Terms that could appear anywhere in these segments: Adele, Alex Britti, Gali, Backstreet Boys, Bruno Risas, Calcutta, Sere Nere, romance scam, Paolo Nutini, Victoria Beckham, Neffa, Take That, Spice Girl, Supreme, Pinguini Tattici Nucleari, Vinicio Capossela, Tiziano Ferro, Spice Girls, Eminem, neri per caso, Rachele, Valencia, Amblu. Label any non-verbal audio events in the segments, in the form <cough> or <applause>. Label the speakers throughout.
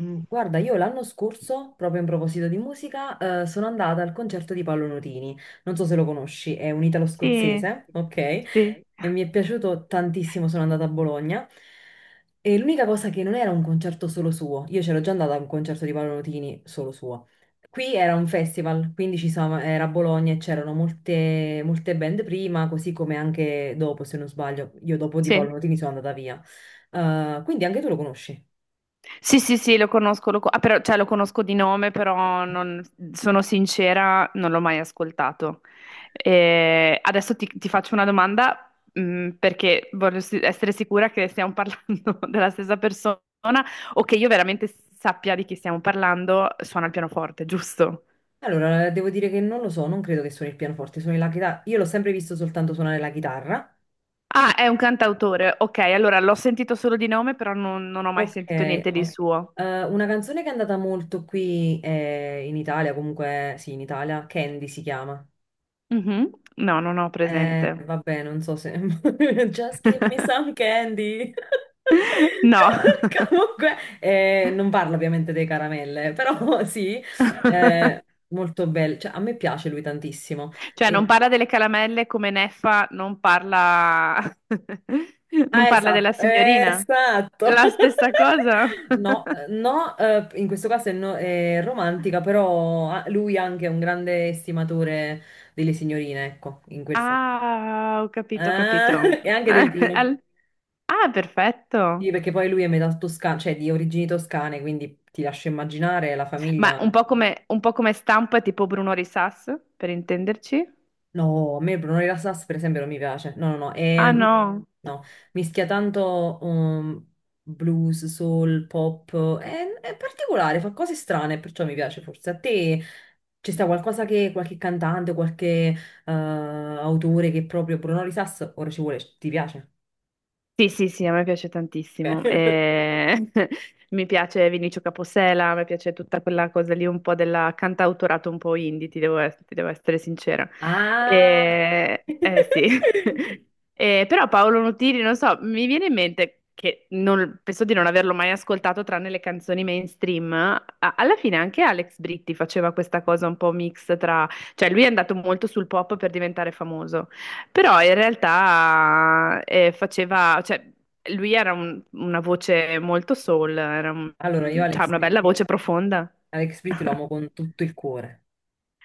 Speaker 1: Guarda, io l'anno scorso, proprio in proposito di musica, sono andata al concerto di Paolo Nutini. Non so se lo conosci, è un
Speaker 2: Sì,
Speaker 1: italo-scozzese, ok?
Speaker 2: sì,
Speaker 1: E mi è piaciuto tantissimo, sono andata a Bologna. E l'unica cosa che non era un concerto solo suo, io c'ero già andata a un concerto di Paolo Nutini solo suo. Qui era un festival, quindi era a Bologna e c'erano molte, molte band prima, così come anche dopo, se non sbaglio. Io dopo di
Speaker 2: sì,
Speaker 1: Paolo Nutini sono andata via. Quindi anche tu lo conosci.
Speaker 2: sì, sì, sì, lo conosco, ah, però, cioè, lo conosco di nome, però sono sincera, non l'ho mai ascoltato. Adesso ti faccio una domanda, perché essere sicura che stiamo parlando <laughs> della stessa persona o che io veramente sappia di chi stiamo parlando, suona il pianoforte, giusto?
Speaker 1: Allora, devo dire che non lo so, non credo che suoni il pianoforte, suoni la chitarra. Io l'ho sempre visto soltanto suonare la chitarra.
Speaker 2: Ah, è un cantautore, ok, allora l'ho sentito solo di nome, però non ho mai
Speaker 1: Ok,
Speaker 2: sentito niente di
Speaker 1: ok.
Speaker 2: suo.
Speaker 1: Una canzone che è andata molto qui in Italia, comunque sì, in Italia, Candy si chiama.
Speaker 2: Mhm. No, non ho presente.
Speaker 1: Vabbè, non so se... <laughs> Just give me
Speaker 2: <laughs>
Speaker 1: some candy. <laughs>
Speaker 2: No,
Speaker 1: Comunque, non parlo ovviamente dei caramelle, però <laughs> sì,
Speaker 2: <laughs>
Speaker 1: molto bello. Cioè, a me piace lui tantissimo.
Speaker 2: cioè non parla delle caramelle come Neffa non parla, <laughs> non
Speaker 1: Ah,
Speaker 2: parla della
Speaker 1: esatto,
Speaker 2: signorina.
Speaker 1: esatto. <laughs>
Speaker 2: La stessa cosa?
Speaker 1: No,
Speaker 2: <laughs>
Speaker 1: no, in questo caso è, è romantica, però ah, lui anche è un grande estimatore delle signorine, ecco, in quel senso.
Speaker 2: Ah, ho capito, ho
Speaker 1: Ah,
Speaker 2: capito.
Speaker 1: <laughs> e anche del
Speaker 2: <laughs>
Speaker 1: vino.
Speaker 2: Al- Ah,
Speaker 1: Sì,
Speaker 2: perfetto.
Speaker 1: perché poi lui è metà toscano, cioè di origini toscane, quindi ti lascio immaginare la
Speaker 2: Ma
Speaker 1: famiglia.
Speaker 2: un po' come stampa tipo Bruno Risas, per intenderci?
Speaker 1: No, a me Bruno Rilassas per esempio non mi piace. No, no, no.
Speaker 2: Ah,
Speaker 1: E,
Speaker 2: no.
Speaker 1: no. Mischia tanto blues, soul, pop. È particolare, fa cose strane, perciò mi piace forse. A te ci sta qualcosa che qualche cantante, qualche autore che proprio Bruno Risas, ora ci vuole, ti piace?
Speaker 2: Sì, sì, sì, a me piace
Speaker 1: Ok.
Speaker 2: tantissimo.
Speaker 1: <laughs>
Speaker 2: <laughs> Mi piace Vinicio Capossela, mi piace tutta quella cosa lì, un po' della cantautorato un po' indie, ti devo essere sincera.
Speaker 1: Ah!
Speaker 2: Eh, sì.
Speaker 1: <laughs>
Speaker 2: <laughs> Però Paolo Nutini, non so, mi viene in mente che penso di non averlo mai ascoltato tranne le canzoni mainstream. Alla fine anche Alex Britti faceva questa cosa un po' mix tra... Cioè lui è andato molto sul pop per diventare famoso. Però in realtà faceva, cioè, lui era una voce molto soul, era
Speaker 1: Allora, io
Speaker 2: cioè,
Speaker 1: Alex
Speaker 2: una bella
Speaker 1: Britti,
Speaker 2: voce profonda.
Speaker 1: Alex Britti lo
Speaker 2: <laughs>
Speaker 1: amo con tutto il cuore.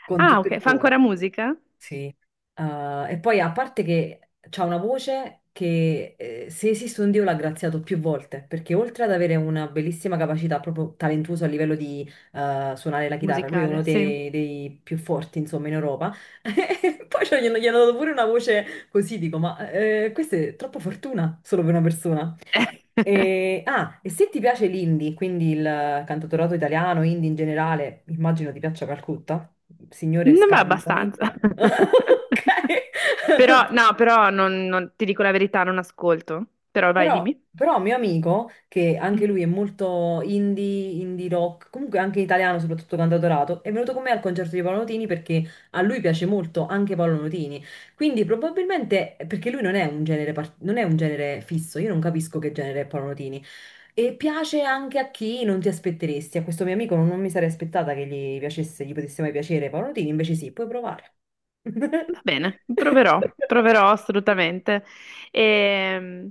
Speaker 1: Con
Speaker 2: Ah,
Speaker 1: tutto
Speaker 2: ok,
Speaker 1: il
Speaker 2: fa
Speaker 1: cuore.
Speaker 2: ancora musica?
Speaker 1: Sì, e poi a parte che c'ha una voce che se esiste un Dio l'ha graziato più volte, perché oltre ad avere una bellissima capacità, proprio talentuoso a livello di suonare la chitarra, lui è
Speaker 2: Musicale,
Speaker 1: uno
Speaker 2: sì.
Speaker 1: dei più forti, insomma, in Europa. <laughs> E poi cioè, gli hanno dato pure una voce così, dico, ma questa è troppa fortuna solo per una persona.
Speaker 2: <laughs>
Speaker 1: E se ti piace l'indie, quindi il cantautorato italiano, indie in generale, immagino ti piaccia Calcutta, signore
Speaker 2: Non ma
Speaker 1: scansami.
Speaker 2: abbastanza. <laughs>
Speaker 1: <laughs>
Speaker 2: Però,
Speaker 1: Ok.
Speaker 2: no, però non ti dico la verità, non ascolto. Però vai,
Speaker 1: Però,
Speaker 2: dimmi.
Speaker 1: però mio amico, che anche lui
Speaker 2: Mm.
Speaker 1: è molto indie, indie rock, comunque anche italiano, soprattutto cantautorato, è venuto con me al concerto di Paolo Nutini perché a lui piace molto anche Paolo Nutini. Quindi probabilmente, perché lui non è un genere, non è un genere fisso, io non capisco che genere è Paolo Nutini. E piace anche a chi non ti aspetteresti. A questo mio amico non mi sarei aspettata che gli piacesse, gli potesse mai piacere Paolo Nutini, invece sì, puoi provare. <laughs>
Speaker 2: Va bene, proverò, proverò assolutamente. E,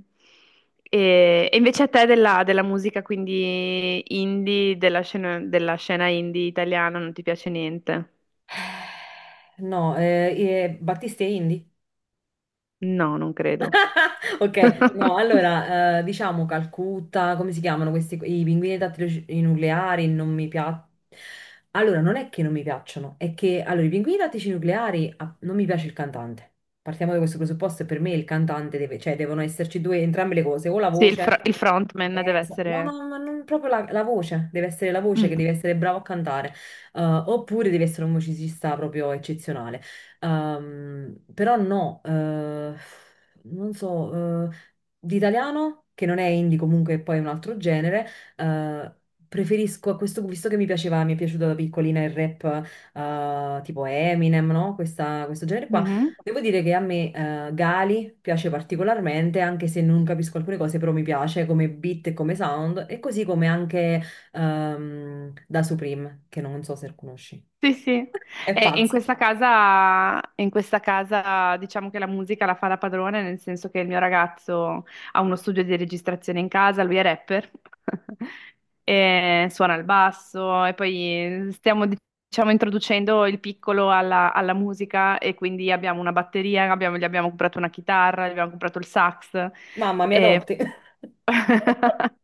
Speaker 2: e invece a te della musica, quindi indie, della scena indie italiana, non ti piace niente?
Speaker 1: No, Battisti e Indy?
Speaker 2: No, non credo.
Speaker 1: <laughs> Ok, no,
Speaker 2: <laughs>
Speaker 1: allora, diciamo Calcutta, come si chiamano questi, i pinguini tattici nucleari, non mi piacciono. Allora, non è che non mi piacciono, è che, allora, i pinguini tattici nucleari, ah, non mi piace il cantante. Partiamo da questo presupposto e per me il cantante deve, cioè devono esserci due, entrambe le cose, o la
Speaker 2: Sì,
Speaker 1: voce.
Speaker 2: il frontman deve
Speaker 1: No,
Speaker 2: essere...
Speaker 1: no, ma non proprio la voce, deve essere la voce che
Speaker 2: Mm.
Speaker 1: deve essere bravo a cantare, oppure deve essere un musicista proprio eccezionale. Però no, non so, l'italiano, che non è indie comunque, poi è un altro genere, eh, preferisco a questo, visto che mi piaceva, mi è piaciuto da piccolina il rap, tipo Eminem, no? Questo genere qua.
Speaker 2: Mhm.
Speaker 1: Devo dire che a me Gali piace particolarmente, anche se non capisco alcune cose, però mi piace come beat e come sound, e così come anche da Supreme, che non so se conosci.
Speaker 2: Sì, sì.
Speaker 1: È
Speaker 2: E in
Speaker 1: pazzo.
Speaker 2: questa casa, in questa casa diciamo che la musica la fa la padrona, nel senso che il mio ragazzo ha uno studio di registrazione in casa, lui è rapper, <laughs> e suona il basso e poi stiamo diciamo introducendo il piccolo alla musica e quindi abbiamo una batteria, gli abbiamo comprato una chitarra, gli abbiamo comprato il sax,
Speaker 1: Mamma, mi
Speaker 2: e
Speaker 1: adotti. <laughs>
Speaker 2: <laughs>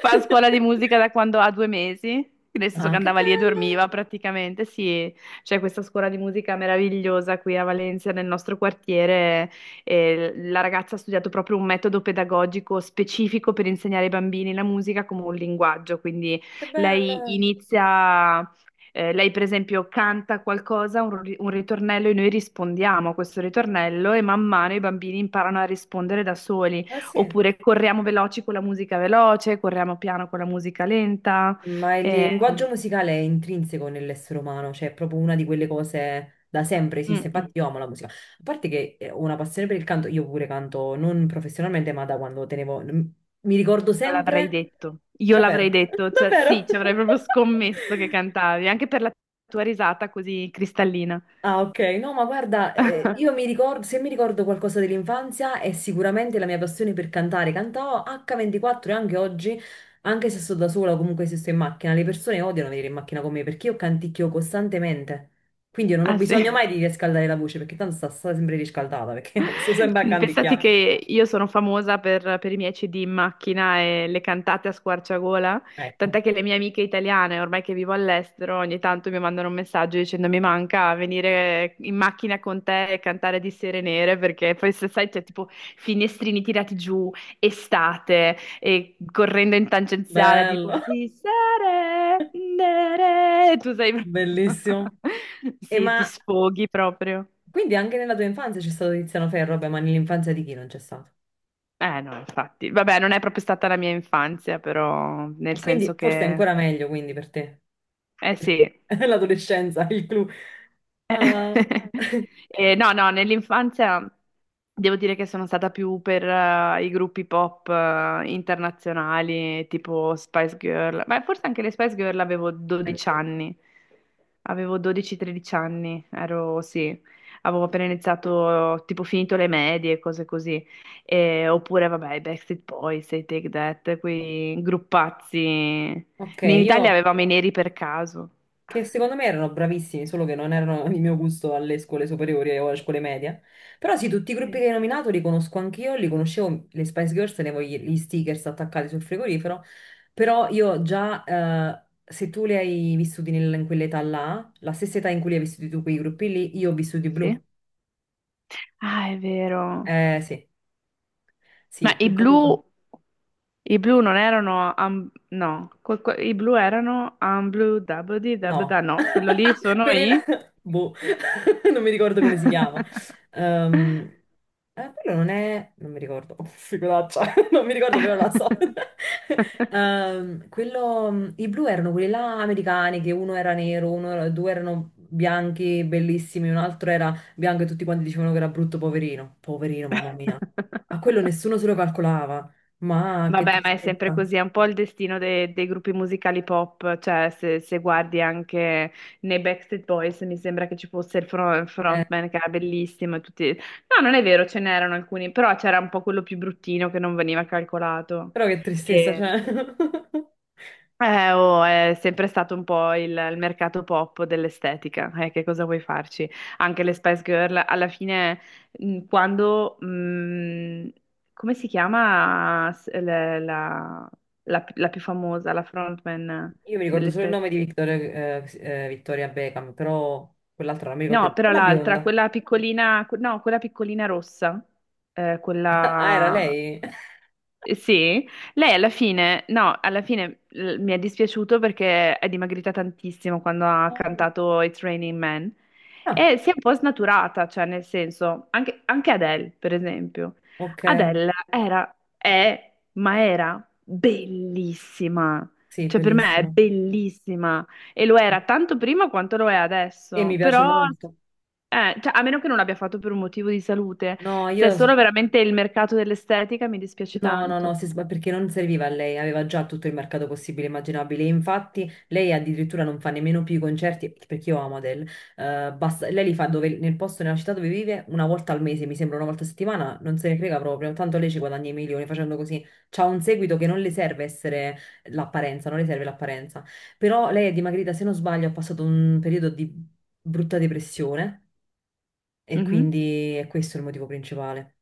Speaker 2: fa a scuola di musica da quando ha 2 mesi, nel senso
Speaker 1: Ah,
Speaker 2: che
Speaker 1: che
Speaker 2: andava lì e
Speaker 1: bello,
Speaker 2: dormiva praticamente. Sì, c'è questa scuola di musica meravigliosa qui a Valencia, nel nostro quartiere. E la ragazza ha studiato proprio un metodo pedagogico specifico per insegnare ai bambini la musica come un linguaggio. Quindi
Speaker 1: che
Speaker 2: lei
Speaker 1: bello.
Speaker 2: inizia. Lei, per esempio, canta qualcosa, un ritornello, e noi rispondiamo a questo ritornello, e man mano i bambini imparano a rispondere da soli.
Speaker 1: Eh sì.
Speaker 2: Oppure corriamo veloci con la musica veloce, corriamo piano con la musica lenta.
Speaker 1: Ma il
Speaker 2: eh,
Speaker 1: linguaggio musicale è intrinseco nell'essere umano, cioè è proprio una di quelle cose da sempre
Speaker 2: mm,
Speaker 1: esiste.
Speaker 2: mm.
Speaker 1: Infatti io amo la musica. A parte che ho una passione per il canto, io pure canto non professionalmente, ma da quando tenevo... Mi ricordo
Speaker 2: Io l'avrei
Speaker 1: sempre...
Speaker 2: detto, io l'avrei
Speaker 1: Davvero? <laughs>
Speaker 2: detto, cioè,
Speaker 1: Davvero?
Speaker 2: sì, ci avrei proprio
Speaker 1: <laughs>
Speaker 2: scommesso che cantavi, anche per la tua risata così cristallina.
Speaker 1: Ah, ok. No, ma guarda, io mi
Speaker 2: <laughs>
Speaker 1: ricordo, se mi ricordo qualcosa dell'infanzia è sicuramente la mia passione per cantare. Cantavo H24 e anche oggi, anche se sto da sola o comunque se sto in macchina, le persone odiano venire in macchina con me perché io canticchio costantemente. Quindi io non ho
Speaker 2: Ah sì.
Speaker 1: bisogno mai di riscaldare la voce perché tanto sta sempre riscaldata perché <laughs> sto sempre a
Speaker 2: <laughs> Pensate
Speaker 1: canticchiare.
Speaker 2: che io sono famosa per, i miei CD in macchina e le cantate a squarciagola,
Speaker 1: Ecco,
Speaker 2: tant'è che le mie amiche italiane, ormai che vivo all'estero, ogni tanto mi mandano un messaggio dicendo mi manca venire in macchina con te e cantare di Sere Nere, perché poi se sai c'è tipo finestrini tirati giù, estate, e correndo in tangenziale tipo
Speaker 1: bello,
Speaker 2: di Sere
Speaker 1: <laughs>
Speaker 2: Nere, tu sei...
Speaker 1: bellissimo.
Speaker 2: <laughs>
Speaker 1: E
Speaker 2: Sì, ti
Speaker 1: ma
Speaker 2: sfoghi proprio.
Speaker 1: quindi anche nella tua infanzia c'è stato Tiziano Ferro, vabbè, ma nell'infanzia di chi non c'è stato?
Speaker 2: Eh no, infatti. Vabbè, non è proprio stata la mia infanzia, però nel
Speaker 1: E quindi
Speaker 2: senso
Speaker 1: forse è
Speaker 2: che...
Speaker 1: ancora meglio quindi per te.
Speaker 2: Eh sì,
Speaker 1: <laughs> L'adolescenza, il clou. Ah,
Speaker 2: <laughs> eh, no, no, nell'infanzia devo dire che sono stata più per i gruppi pop internazionali, tipo Spice Girl, ma forse anche le Spice Girl avevo 12
Speaker 1: anch'io.
Speaker 2: anni, avevo 12-13 anni, ero, sì, avevo appena iniziato, tipo finito le medie, cose così. Oppure vabbè, i Backstreet Boys, i Take That, quei gruppazzi,
Speaker 1: Ok,
Speaker 2: in Italia
Speaker 1: io
Speaker 2: avevamo i neri per caso.
Speaker 1: che secondo me erano bravissimi, solo che non erano il mio gusto alle scuole superiori o alle scuole medie. Però sì, tutti i gruppi
Speaker 2: Sì.
Speaker 1: che hai nominato li conosco anch'io, li conoscevo, le Spice Girls, tenevo gli stickers attaccati sul frigorifero, però io già, se tu li hai vissuti in quell'età là, la stessa età in cui li hai vissuti tu quei gruppi lì, io ho vissuti i
Speaker 2: Sì?
Speaker 1: blu.
Speaker 2: Ah, è vero.
Speaker 1: Eh sì,
Speaker 2: Ma
Speaker 1: sì, che comunque...
Speaker 2: i blu non erano, am- no, i blu erano Amblu, Dabudi,
Speaker 1: No,
Speaker 2: Dabda, no, quello lì sono
Speaker 1: quelli là,
Speaker 2: i...
Speaker 1: <laughs> boh, <laughs> non mi ricordo come si chiama. Ehm, Quello non è, non mi ricordo, <laughs> oh, figuraccia, <laughs> non mi ricordo però la so. <laughs>
Speaker 2: <laughs>
Speaker 1: I blu erano quelli là americani, che uno era nero, due erano bianchi, bellissimi, un altro era bianco e tutti quanti dicevano che era brutto, poverino. Poverino, mamma mia. A quello nessuno se lo calcolava, ma che
Speaker 2: Vabbè, ma è sempre
Speaker 1: tristezza.
Speaker 2: così, è un po' il destino dei gruppi musicali pop, cioè se guardi anche nei Backstreet Boys mi sembra che ci fosse il
Speaker 1: Eh,
Speaker 2: frontman che era bellissimo e tutti... No, non è vero, ce n'erano alcuni, però c'era un po' quello più bruttino che non veniva calcolato.
Speaker 1: però che tristezza, cioè. <laughs>
Speaker 2: Oh, è sempre stato un po' il mercato pop dell'estetica, che cosa vuoi farci? Anche le Spice Girl, alla fine, quando, come si chiama la, la più famosa, la frontman
Speaker 1: Io mi ricordo
Speaker 2: delle
Speaker 1: solo il
Speaker 2: Spice.
Speaker 1: nome di Victoria Beckham, però quell'altra non mi ricordo.
Speaker 2: No,
Speaker 1: il-
Speaker 2: però
Speaker 1: Quella
Speaker 2: l'altra,
Speaker 1: bionda.
Speaker 2: quella piccolina, no, quella piccolina rossa,
Speaker 1: <laughs> Ah, era
Speaker 2: quella...
Speaker 1: lei?
Speaker 2: Sì, lei alla fine, no, alla fine mi è dispiaciuto perché è dimagrita tantissimo quando ha
Speaker 1: Mm.
Speaker 2: cantato It's Raining Men
Speaker 1: Ah,
Speaker 2: e si è un po' snaturata, cioè nel senso, anche, anche Adele, per esempio.
Speaker 1: ok.
Speaker 2: Adele era, è, ma era bellissima,
Speaker 1: Sì,
Speaker 2: cioè per me è
Speaker 1: bellissima.
Speaker 2: bellissima e lo
Speaker 1: Sì.
Speaker 2: era tanto prima quanto lo è
Speaker 1: E mi
Speaker 2: adesso,
Speaker 1: piace
Speaker 2: però
Speaker 1: molto.
Speaker 2: cioè, a meno che non l'abbia fatto per un motivo di salute,
Speaker 1: No,
Speaker 2: se è solo veramente il mercato dell'estetica mi dispiace
Speaker 1: No, no, no,
Speaker 2: tanto.
Speaker 1: perché non serviva a lei, aveva già tutto il mercato possibile e immaginabile. Infatti, lei addirittura non fa nemmeno più i concerti, perché io amo Adele. Lei li fa nel posto, nella città dove vive, una volta al mese, mi sembra una volta a settimana, non se ne frega proprio. Tanto lei ci guadagna i milioni facendo così. C'ha un seguito che non le serve essere l'apparenza, non le serve l'apparenza. Però lei è dimagrita, se non sbaglio, ha passato un periodo di brutta depressione e
Speaker 2: Mhm.
Speaker 1: quindi è questo il motivo principale.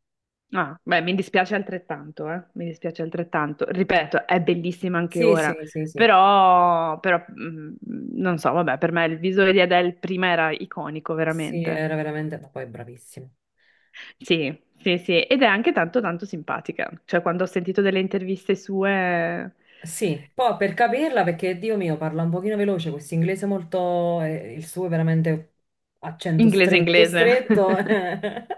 Speaker 2: Ah, beh, mi dispiace altrettanto, eh? Mi dispiace altrettanto. Ripeto, è bellissima anche
Speaker 1: Sì,
Speaker 2: ora,
Speaker 1: sì, sì, sì.
Speaker 2: però, non so, vabbè, per me il visuale di Adele prima era iconico,
Speaker 1: Sì,
Speaker 2: veramente.
Speaker 1: era veramente, ma poi è bravissimo.
Speaker 2: Sì, sì, sì, ed è anche tanto, tanto simpatica. Cioè, quando ho sentito delle interviste sue,
Speaker 1: Sì, poi per capirla, perché Dio mio parla un pochino veloce, questo inglese molto, il suo è veramente accento
Speaker 2: inglese,
Speaker 1: stretto,
Speaker 2: inglese.
Speaker 1: stretto.
Speaker 2: <laughs>
Speaker 1: <laughs>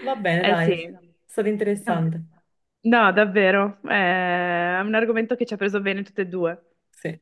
Speaker 1: Va bene,
Speaker 2: Eh
Speaker 1: dai,
Speaker 2: sì.
Speaker 1: è stato interessante.
Speaker 2: No, davvero, è un argomento che ci ha preso bene tutte e due.
Speaker 1: Sì.